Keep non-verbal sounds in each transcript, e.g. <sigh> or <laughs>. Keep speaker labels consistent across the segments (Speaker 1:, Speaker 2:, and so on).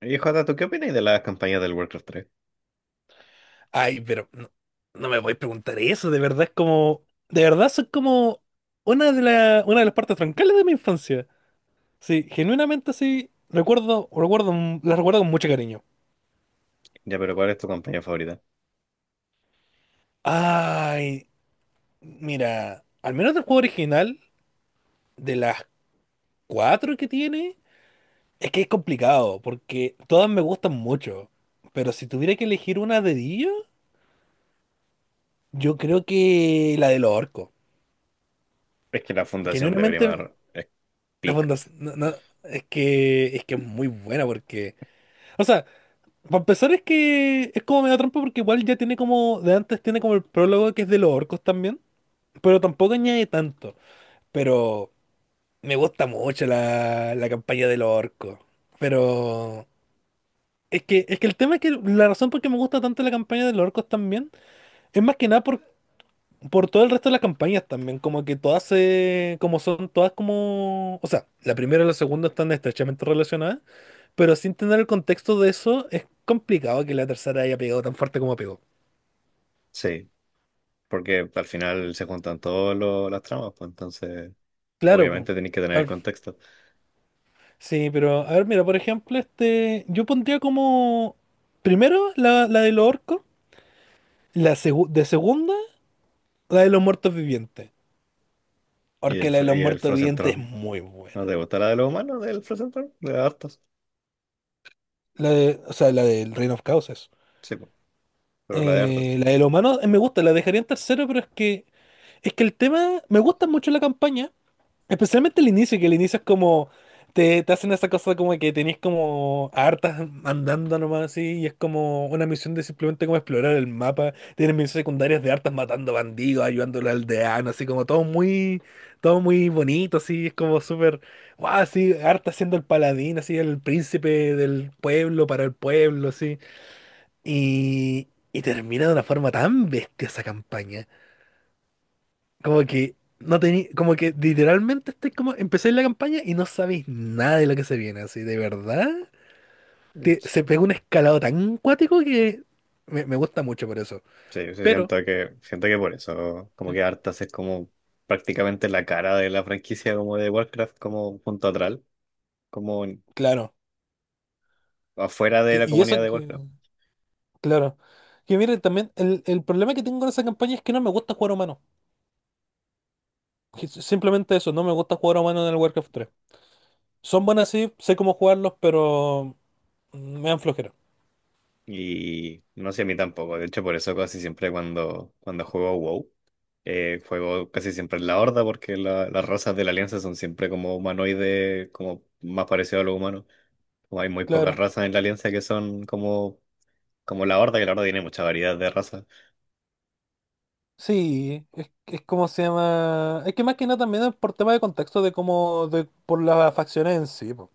Speaker 1: Y Jota, ¿tú qué opinas de las campañas del Warcraft 3?
Speaker 2: Ay, pero no, no me voy a preguntar eso, de verdad es como, de verdad son como una de las partes troncales de mi infancia. Sí, genuinamente sí, recuerdo, las recuerdo con mucho cariño.
Speaker 1: Ya, pero ¿cuál es tu campaña favorita?
Speaker 2: Ay, mira, al menos del juego original, de las cuatro que tiene, es que es complicado, porque todas me gustan mucho. Pero si tuviera que elegir una de ellos, yo creo que la de los orcos.
Speaker 1: Es que la fundación de
Speaker 2: Genuinamente.
Speaker 1: Brimmar es
Speaker 2: La
Speaker 1: pick.
Speaker 2: fundación, no, no, es que es muy buena porque, o sea, para empezar es que es como medio trampa porque igual ya tiene como, de antes tiene como el prólogo que es de los orcos también, pero tampoco añade tanto, pero me gusta mucho la campaña de los orcos, pero es que el tema es que la razón por qué me gusta tanto la campaña de los orcos también es más que nada. Por todo el resto de las campañas también, como que todas se, como son todas como, o sea, la primera y la segunda están estrechamente relacionadas, pero sin tener el contexto de eso, es complicado que la tercera haya pegado tan fuerte como pegó.
Speaker 1: Sí, porque al final se juntan todas las tramas, pues entonces
Speaker 2: Claro, po.
Speaker 1: obviamente tenéis que tener el
Speaker 2: Al-
Speaker 1: contexto.
Speaker 2: sí, pero a ver, mira, por ejemplo, este, yo pondría como, primero la de los orcos, de segunda, la de los muertos vivientes,
Speaker 1: Y
Speaker 2: porque
Speaker 1: el,
Speaker 2: la de los
Speaker 1: Y el
Speaker 2: muertos
Speaker 1: Frozen
Speaker 2: vivientes es
Speaker 1: Throne.
Speaker 2: muy
Speaker 1: ¿No
Speaker 2: buena.
Speaker 1: te gusta la de los humanos del Frozen Throne? De hartos.
Speaker 2: La de, o sea, la del Reino of Chaos.
Speaker 1: Sí, pues, pero la de hartos.
Speaker 2: La de los humanos me gusta, la dejaría en tercero, pero es que el tema me gusta mucho la campaña, especialmente el inicio, que el inicio es como te hacen esa cosa como que tenés como hartas andando nomás así, y es como una misión de simplemente como explorar el mapa, tienes misiones secundarias de hartas matando bandidos, ayudando al aldeano, así como todo muy bonito, así, es como súper, wow, así, harta siendo el paladín, así, el príncipe del pueblo para el pueblo, así. Y termina de una forma tan bestia esa campaña. Como que no tení, como que literalmente estoy como, empecé la campaña y no sabéis nada de lo que se viene, así, de verdad. Se
Speaker 1: Sí,
Speaker 2: pegó un escalado tan cuático que me gusta mucho por eso.
Speaker 1: sí, yo sí
Speaker 2: Pero,
Speaker 1: siento que por eso, como que hartas es como prácticamente la cara de la franquicia como de Warcraft, como punto atrás, como
Speaker 2: claro.
Speaker 1: afuera de la
Speaker 2: Y
Speaker 1: comunidad
Speaker 2: eso
Speaker 1: de Warcraft.
Speaker 2: que, claro. Que miren, también el problema que tengo con esa campaña es que no me gusta jugar humano. Simplemente eso, no me gusta jugar humano en el Warcraft tres. Son buenas, sí, sé cómo jugarlos, pero me dan flojera.
Speaker 1: Y no sé, a mí tampoco. De hecho, por eso casi siempre cuando juego WoW, juego casi siempre en la Horda, porque las razas de la Alianza son siempre como humanoides, como más parecido a lo humano. Como hay muy pocas
Speaker 2: Claro.
Speaker 1: razas en la Alianza que son como, como la Horda, que la Horda tiene mucha variedad de razas.
Speaker 2: Sí, es como se llama. Es que más que nada también es por tema de contexto de cómo, de, por las facciones en sí, po.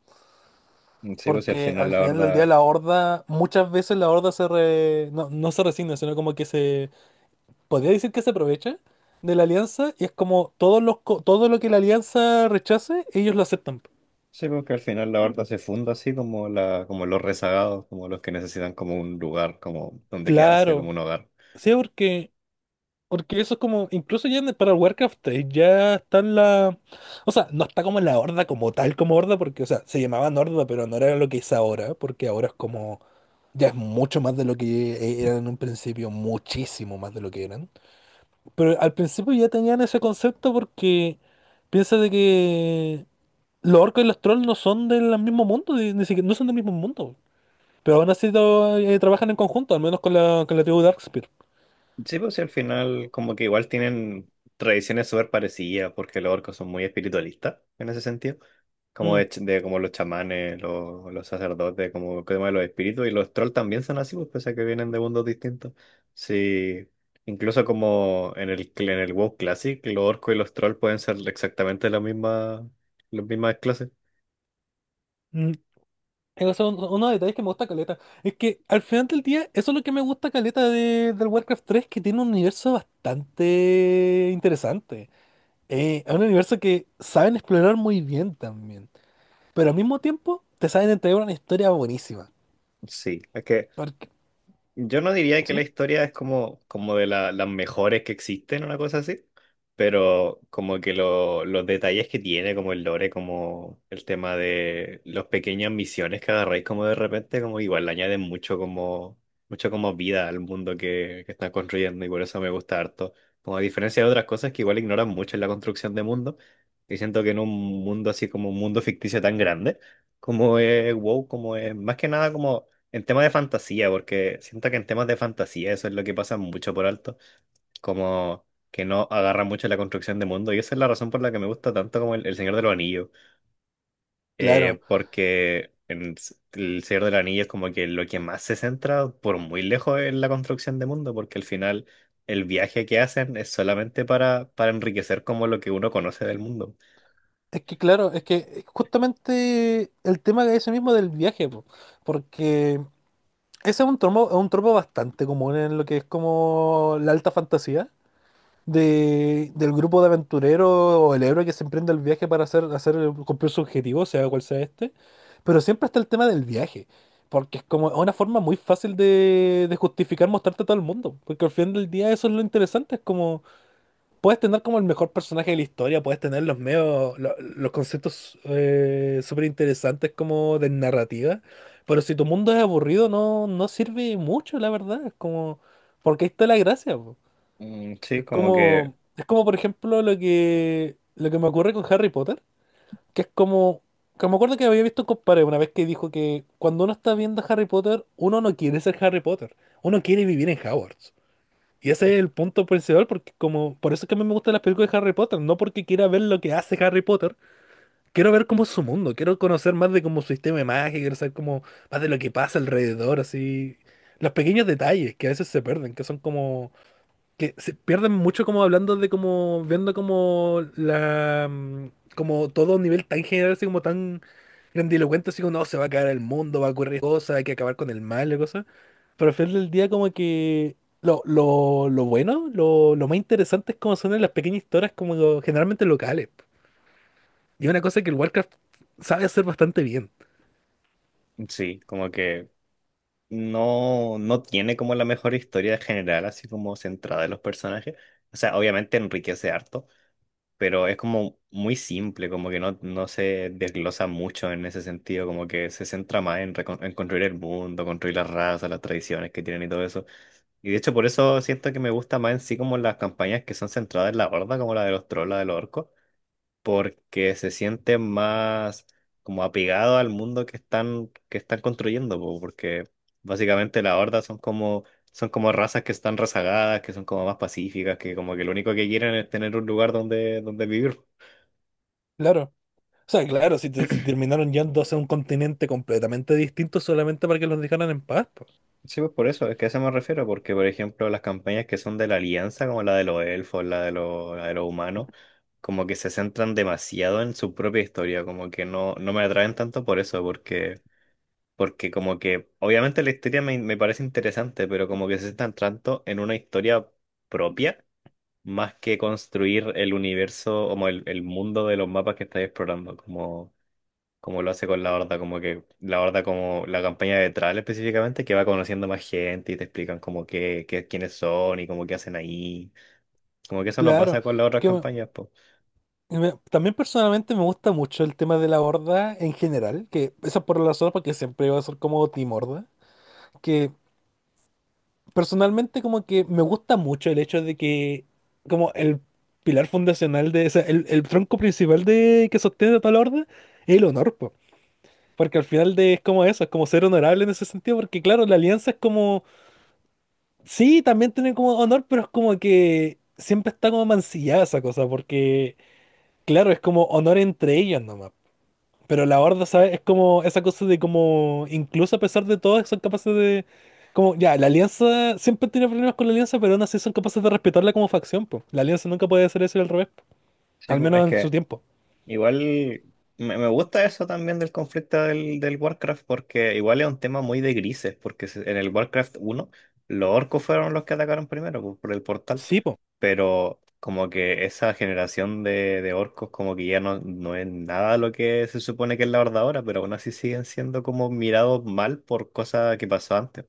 Speaker 1: Sí, pues y al
Speaker 2: Porque
Speaker 1: final
Speaker 2: al
Speaker 1: la
Speaker 2: final del día
Speaker 1: Horda,
Speaker 2: la horda, muchas veces la horda no, no se resigna, sino como que se, podría decir que se aprovecha de la alianza y es como todos todo lo que la alianza rechace, ellos lo aceptan.
Speaker 1: sí, pues que al final la Horda se funda así como la, como los rezagados, como los que necesitan como un lugar, como donde quedarse, como
Speaker 2: Claro,
Speaker 1: un hogar.
Speaker 2: sí, porque porque eso es como, incluso ya para Warcraft ya está en la... O sea, no está como en la horda como tal, como horda, porque, o sea, se llamaban horda, pero no era lo que es ahora, porque ahora es como... Ya es mucho más de lo que eran en un principio, muchísimo más de lo que eran. Pero al principio ya tenían ese concepto porque piensa de que los orcos y los trolls no son del mismo mundo, ni siquiera, no son del mismo mundo. Pero aún así trabajan en conjunto, al menos con con la tribu Darkspear.
Speaker 1: Sí, pues sí, al final como que igual tienen tradiciones súper parecidas porque los orcos son muy espiritualistas en ese sentido, como de, de como los chamanes, los sacerdotes, como el tema de los espíritus y los trolls también son así, pues pese a que vienen de mundos distintos. Sí, incluso como en el, en el WoW Classic, los orcos y los trolls pueden ser exactamente la misma, las mismas clases.
Speaker 2: Mm. Eso es uno de los detalles que me gusta caleta. Es que al final del día, eso es lo que me gusta caleta de, del Warcraft tres, que tiene un universo bastante interesante. Es un universo que saben explorar muy bien también. Pero al mismo tiempo, te saben entregar una historia buenísima.
Speaker 1: Sí, es que
Speaker 2: Porque,
Speaker 1: yo no diría que la
Speaker 2: ¿sí?
Speaker 1: historia es como, como de las mejores que existen, una cosa así, pero como que los detalles que tiene, como el lore, como el tema de las pequeñas misiones que agarráis como de repente, como igual le añaden mucho como vida al mundo que están construyendo y por eso me gusta harto. Como a diferencia de otras cosas que igual ignoran mucho en la construcción de mundo, y siento que en un mundo así como un mundo ficticio tan grande, como es WoW, como es más que nada como en temas de fantasía, porque siento que en temas de fantasía eso es lo que pasa mucho por alto, como que no agarra mucho la construcción de mundo, y esa es la razón por la que me gusta tanto como el Señor de los Anillos,
Speaker 2: Claro.
Speaker 1: porque en el Señor de los Anillos como que lo que más se centra por muy lejos es la construcción de mundo, porque al final el viaje que hacen es solamente para enriquecer como lo que uno conoce del mundo.
Speaker 2: Es que, claro, es que justamente el tema que ese mismo del viaje, po. Porque ese es un tropo bastante común en lo que es como la alta fantasía de, del grupo de aventureros o el héroe que se emprende el viaje para hacer, hacer cumplir su objetivo, sea cual sea este. Pero siempre está el tema del viaje, porque es como una forma muy fácil de justificar mostrarte a todo el mundo, porque al final del día eso es lo interesante, es como puedes tener como el mejor personaje de la historia, puedes tener los medios, los conceptos súper interesantes como de narrativa, pero si tu mundo es aburrido no, no sirve mucho, la verdad, es como, porque ahí está la gracia.
Speaker 1: Sí, como que,
Speaker 2: Como, es como, por ejemplo, lo que me ocurre con Harry Potter, que es como, que me acuerdo que había visto un compadre una vez que dijo que cuando uno está viendo Harry Potter, uno no quiere ser Harry Potter, uno quiere vivir en Hogwarts. Y ese es el punto principal, porque como, por eso es que a mí me gustan las películas de Harry Potter, no porque quiera ver lo que hace Harry Potter, quiero ver cómo es su mundo, quiero conocer más de cómo su sistema de magia, quiero saber cómo, más de lo que pasa alrededor, así, los pequeños detalles que a veces se pierden, que son como que se pierden mucho como hablando de como viendo como la como todo a un nivel tan general así como tan grandilocuente así como no se va a caer el mundo va a ocurrir cosas hay que acabar con el mal y cosas, pero al final del día como que lo bueno lo más interesante es como son las pequeñas historias como generalmente locales, y una cosa que el Warcraft sabe hacer bastante bien.
Speaker 1: sí, como que no, no tiene como la mejor historia general, así como centrada en los personajes. O sea, obviamente enriquece harto, pero es como muy simple, como que no, no se desglosa mucho en ese sentido, como que se centra más en, en construir el mundo, construir las razas, las tradiciones que tienen y todo eso. Y de hecho por eso siento que me gusta más en sí como las campañas que son centradas en la horda, como la de los trolls, la de los orcos porque se sienten más como apegados al mundo que están construyendo, po, porque básicamente las hordas son como razas que están rezagadas, que son como más pacíficas, que como que lo único que quieren es tener un lugar donde, donde vivir.
Speaker 2: Claro. O sea, claro, si, si terminaron yendo hacia un continente completamente distinto solamente para que los dejaran en paz, po.
Speaker 1: Sí, pues por eso, es que a eso me refiero, porque por ejemplo las campañas que son de la Alianza, como la de los elfos, la de los humanos, como que se centran demasiado en su propia historia, como que no, no me atraen tanto por eso, porque porque como que, obviamente la historia me, me parece interesante, pero como que se están tanto en una historia propia, más que construir el universo, como el mundo de los mapas que estáis explorando, como, como lo hace con la Horda, como que la Horda, como la campaña de Thrall específicamente, que va conociendo más gente y te explican como que, quiénes son y como qué hacen ahí. Como que eso no
Speaker 2: Claro,
Speaker 1: pasa con las otras
Speaker 2: que...
Speaker 1: campañas, pues.
Speaker 2: y también personalmente me gusta mucho el tema de la horda en general, que eso es por la razón porque siempre va a ser como Team Horda, que personalmente como que me gusta mucho el hecho de que como el pilar fundacional de, o sea, el tronco principal de que sostiene a toda la horda es el honor, po. Porque al final de, es como eso, es como ser honorable en ese sentido, porque claro, la alianza es como, sí, también tiene como honor, pero es como que siempre está como mancillada esa cosa, porque claro, es como honor entre ellos. Pero la horda, ¿sabes? Es como esa cosa de como, incluso a pesar de todo, son capaces de... Como, ya, la alianza siempre tiene problemas con la alianza, pero aún así son capaces de respetarla como facción, po. La alianza nunca puede hacer eso y al revés, po.
Speaker 1: Sí,
Speaker 2: Al
Speaker 1: pues, es
Speaker 2: menos en su
Speaker 1: que
Speaker 2: tiempo.
Speaker 1: igual me, me gusta eso también del conflicto del, del Warcraft, porque igual es un tema muy de grises, porque en el Warcraft uno los orcos fueron los que atacaron primero por el portal,
Speaker 2: Sí, po.
Speaker 1: pero como que esa generación de orcos como que ya no, no es nada lo que se supone que es la Horda ahora, pero aún así siguen siendo como mirados mal por cosas que pasó antes.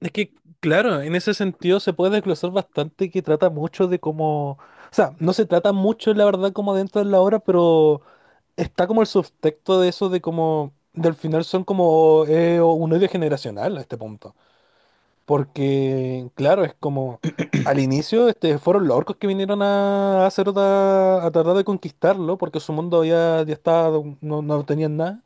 Speaker 2: Es que, claro, en ese sentido se puede desglosar bastante que trata mucho de cómo... O sea, no se trata mucho, la verdad, como dentro de la obra, pero está como el subtexto de eso de como... Del final son como un odio generacional a este punto. Porque, claro, es como al inicio este, fueron los orcos que vinieron a hacer a tratar de conquistarlo, porque su mundo ya, ya estaba, no, no tenían nada.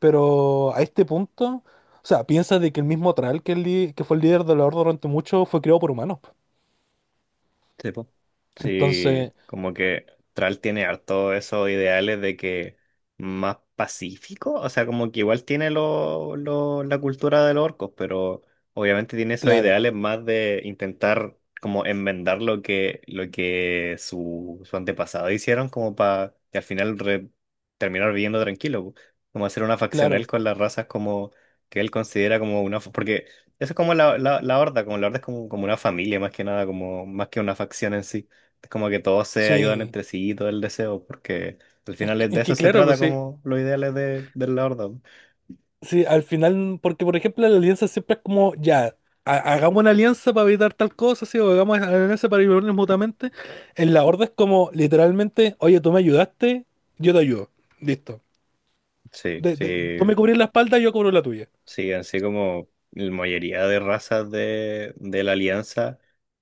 Speaker 2: Pero a este punto, o sea, piensa de que el mismo Thrall, que, que fue el líder de la Horda durante mucho, fue creado por humanos.
Speaker 1: Sí, po. Sí,
Speaker 2: Entonces,
Speaker 1: como que Tral tiene harto esos ideales de que más pacífico, o sea, como que igual tiene lo, la cultura de los orcos, pero obviamente tiene esos
Speaker 2: claro,
Speaker 1: ideales más de intentar como enmendar lo que su antepasado hicieron, como para que al final terminar viviendo tranquilo, po. Como hacer una facción él
Speaker 2: claro,
Speaker 1: con las razas como que él considera como una... Porque eso es como la horda, como la horda es como, como una familia más que nada, como más que una facción en sí. Es como que todos se ayudan
Speaker 2: sí.
Speaker 1: entre sí y todo el deseo, porque al final de
Speaker 2: Es
Speaker 1: eso
Speaker 2: que
Speaker 1: se
Speaker 2: claro, pues
Speaker 1: trata
Speaker 2: sí.
Speaker 1: como los ideales de la horda, ¿no?
Speaker 2: Sí, al final, porque por ejemplo la alianza siempre es como, ya, hagamos una alianza para evitar tal cosa, sí, o hagamos una alianza para ayudarnos mutuamente. En la horda es como, literalmente, oye, tú me ayudaste, yo te ayudo. Listo.
Speaker 1: Sí,
Speaker 2: Tú me
Speaker 1: sí.
Speaker 2: cubrís la espalda, yo cubro la tuya.
Speaker 1: Sí, así como la mayoría de razas de la Alianza,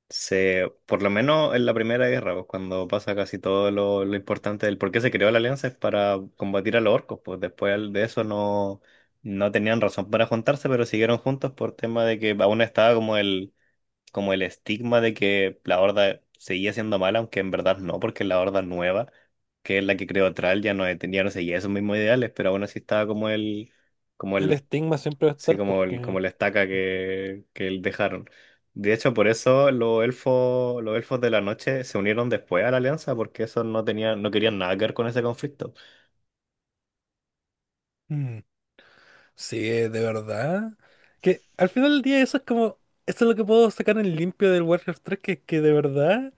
Speaker 1: se, por lo menos en la Primera Guerra, pues cuando pasa casi todo lo importante del por qué se creó la Alianza es para combatir a los orcos, pues después de eso no, no tenían razón para juntarse, pero siguieron juntos por tema de que aún estaba como el estigma de que la Horda seguía siendo mala, aunque en verdad no, porque la Horda nueva, que es la que creó Thrall, ya no, tenía, no seguía esos mismos ideales, pero aún así estaba como
Speaker 2: El
Speaker 1: el
Speaker 2: estigma siempre va a
Speaker 1: sí,
Speaker 2: estar
Speaker 1: como, el, como
Speaker 2: porque...
Speaker 1: la estaca que dejaron. De hecho, por eso los elfos de la noche se unieron después a la alianza, porque esos no tenían, no querían nada que ver con ese conflicto.
Speaker 2: Mm, sí, de verdad. Que al final del día eso es como, eso es lo que puedo sacar en limpio del Warcraft tres, que de verdad...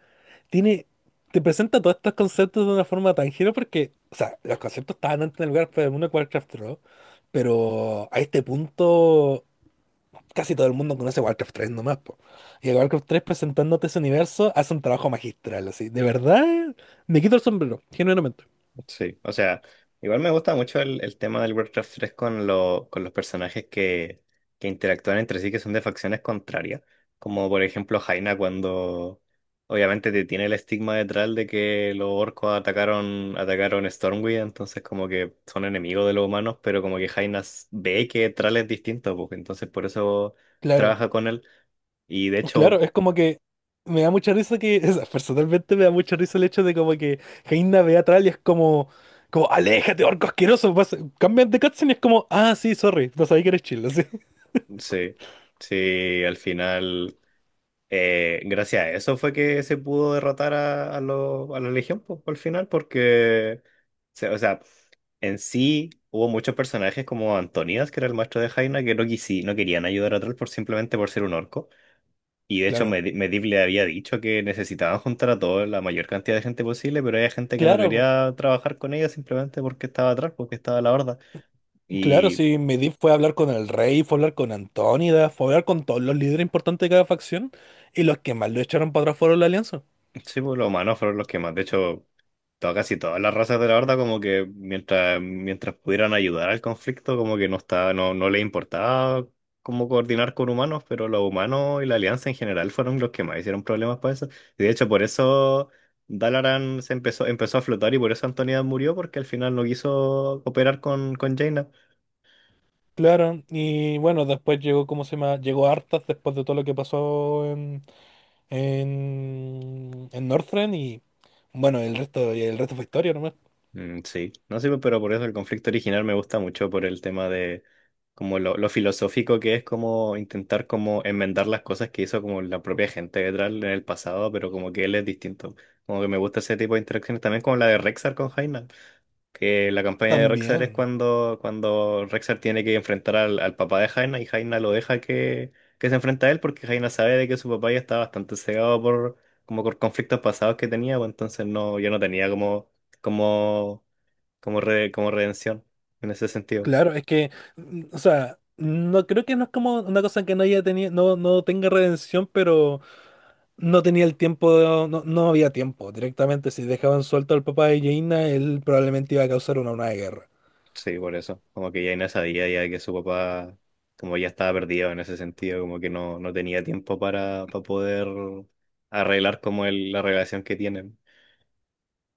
Speaker 2: tiene, te presenta todos estos conceptos de una forma tan genial porque, o sea, los conceptos estaban antes en el lugar del mundo de Warcraft 3, pero a este punto casi todo el mundo conoce Warcraft 3 nomás, po. Y el Warcraft tres presentándote ese universo hace un trabajo magistral, así. De verdad, me quito el sombrero, genuinamente.
Speaker 1: Sí, o sea, igual me gusta mucho el tema del Warcraft 3 con, con los personajes que interactúan entre sí, que son de facciones contrarias, como por ejemplo Jaina cuando obviamente te tiene el estigma detrás de que los orcos atacaron, atacaron Stormwind, entonces como que son enemigos de los humanos, pero como que Jaina ve que Thrall es distinto, pues, entonces por eso
Speaker 2: Claro,
Speaker 1: trabaja con él y de
Speaker 2: claro,
Speaker 1: hecho,
Speaker 2: es como que me da mucha risa que, <laughs> o sea, personalmente me da mucha risa el hecho de como que Jaina ve a Thrall y es como, como, aléjate, orco asqueroso, cambian de cutscene y es como, ah, sí, sorry, no sabía que eres chill.
Speaker 1: sí, sí, al final gracias a eso fue que se pudo derrotar a, a la Legión po, al final, porque, o sea, en sí hubo muchos personajes como Antonidas, que era el maestro de Jaina, que no, no querían ayudar a Troll por simplemente por ser un orco. Y de hecho,
Speaker 2: Claro,
Speaker 1: Medivh le había dicho que necesitaban juntar a toda la mayor cantidad de gente posible, pero había gente que no
Speaker 2: claro,
Speaker 1: quería trabajar con ella simplemente porque estaba atrás, porque estaba la horda.
Speaker 2: claro, sí, Medivh fue a hablar con el rey, fue a hablar con Antónida, fue a hablar con todos los líderes importantes de cada facción, y los que más lo echaron para atrás fueron la alianza.
Speaker 1: Sí, pues los humanos fueron los que más. De hecho, casi todas las razas de la Horda, como que mientras, mientras pudieran ayudar al conflicto, como que no estaba, no, no les importaba cómo coordinar con humanos, pero los humanos y la Alianza en general fueron los que más hicieron problemas para eso. Y de hecho, por eso Dalaran se empezó, empezó a flotar y por eso Antonida murió, porque al final no quiso cooperar con Jaina.
Speaker 2: Claro, y bueno, después llegó, ¿cómo se llama? Llegó Arthas después de todo lo que pasó en, en Northrend, y bueno, el resto fue historia nomás.
Speaker 1: Sí, no sé, pero por eso el conflicto original me gusta mucho por el tema de como lo filosófico que es como intentar como enmendar las cosas que hizo como la propia gente de Tral en el pasado, pero como que él es distinto. Como que me gusta ese tipo de interacciones también como la de Rexar con Jaina, que la campaña de Rexar es
Speaker 2: También,
Speaker 1: cuando, cuando Rexar tiene que enfrentar al, al papá de Jaina y Jaina lo deja que se enfrenta a él porque Jaina sabe de que su papá ya está bastante cegado por como por conflictos pasados que tenía, pues entonces no, ya no tenía como como como, como redención en ese sentido.
Speaker 2: claro, es que, mm, o sea, no creo que no es como una cosa que no haya tenido, no, no tenga redención, pero... No tenía el tiempo, no, no había tiempo. Directamente, si dejaban suelto al papá de Jaina, él probablemente iba a causar una guerra.
Speaker 1: Sí, por eso. Como que ya Inés sabía ya que su papá, como ya estaba perdido en ese sentido, como que no, no tenía tiempo para poder arreglar como el, la relación que tienen.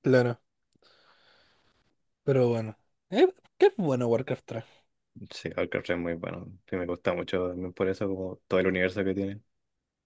Speaker 2: Claro, pero bueno. Eh, ¿Qué es bueno Warcraft
Speaker 1: Sí, Alcatraz es muy bueno. Sí, me gusta mucho también por eso, como todo el universo que tiene.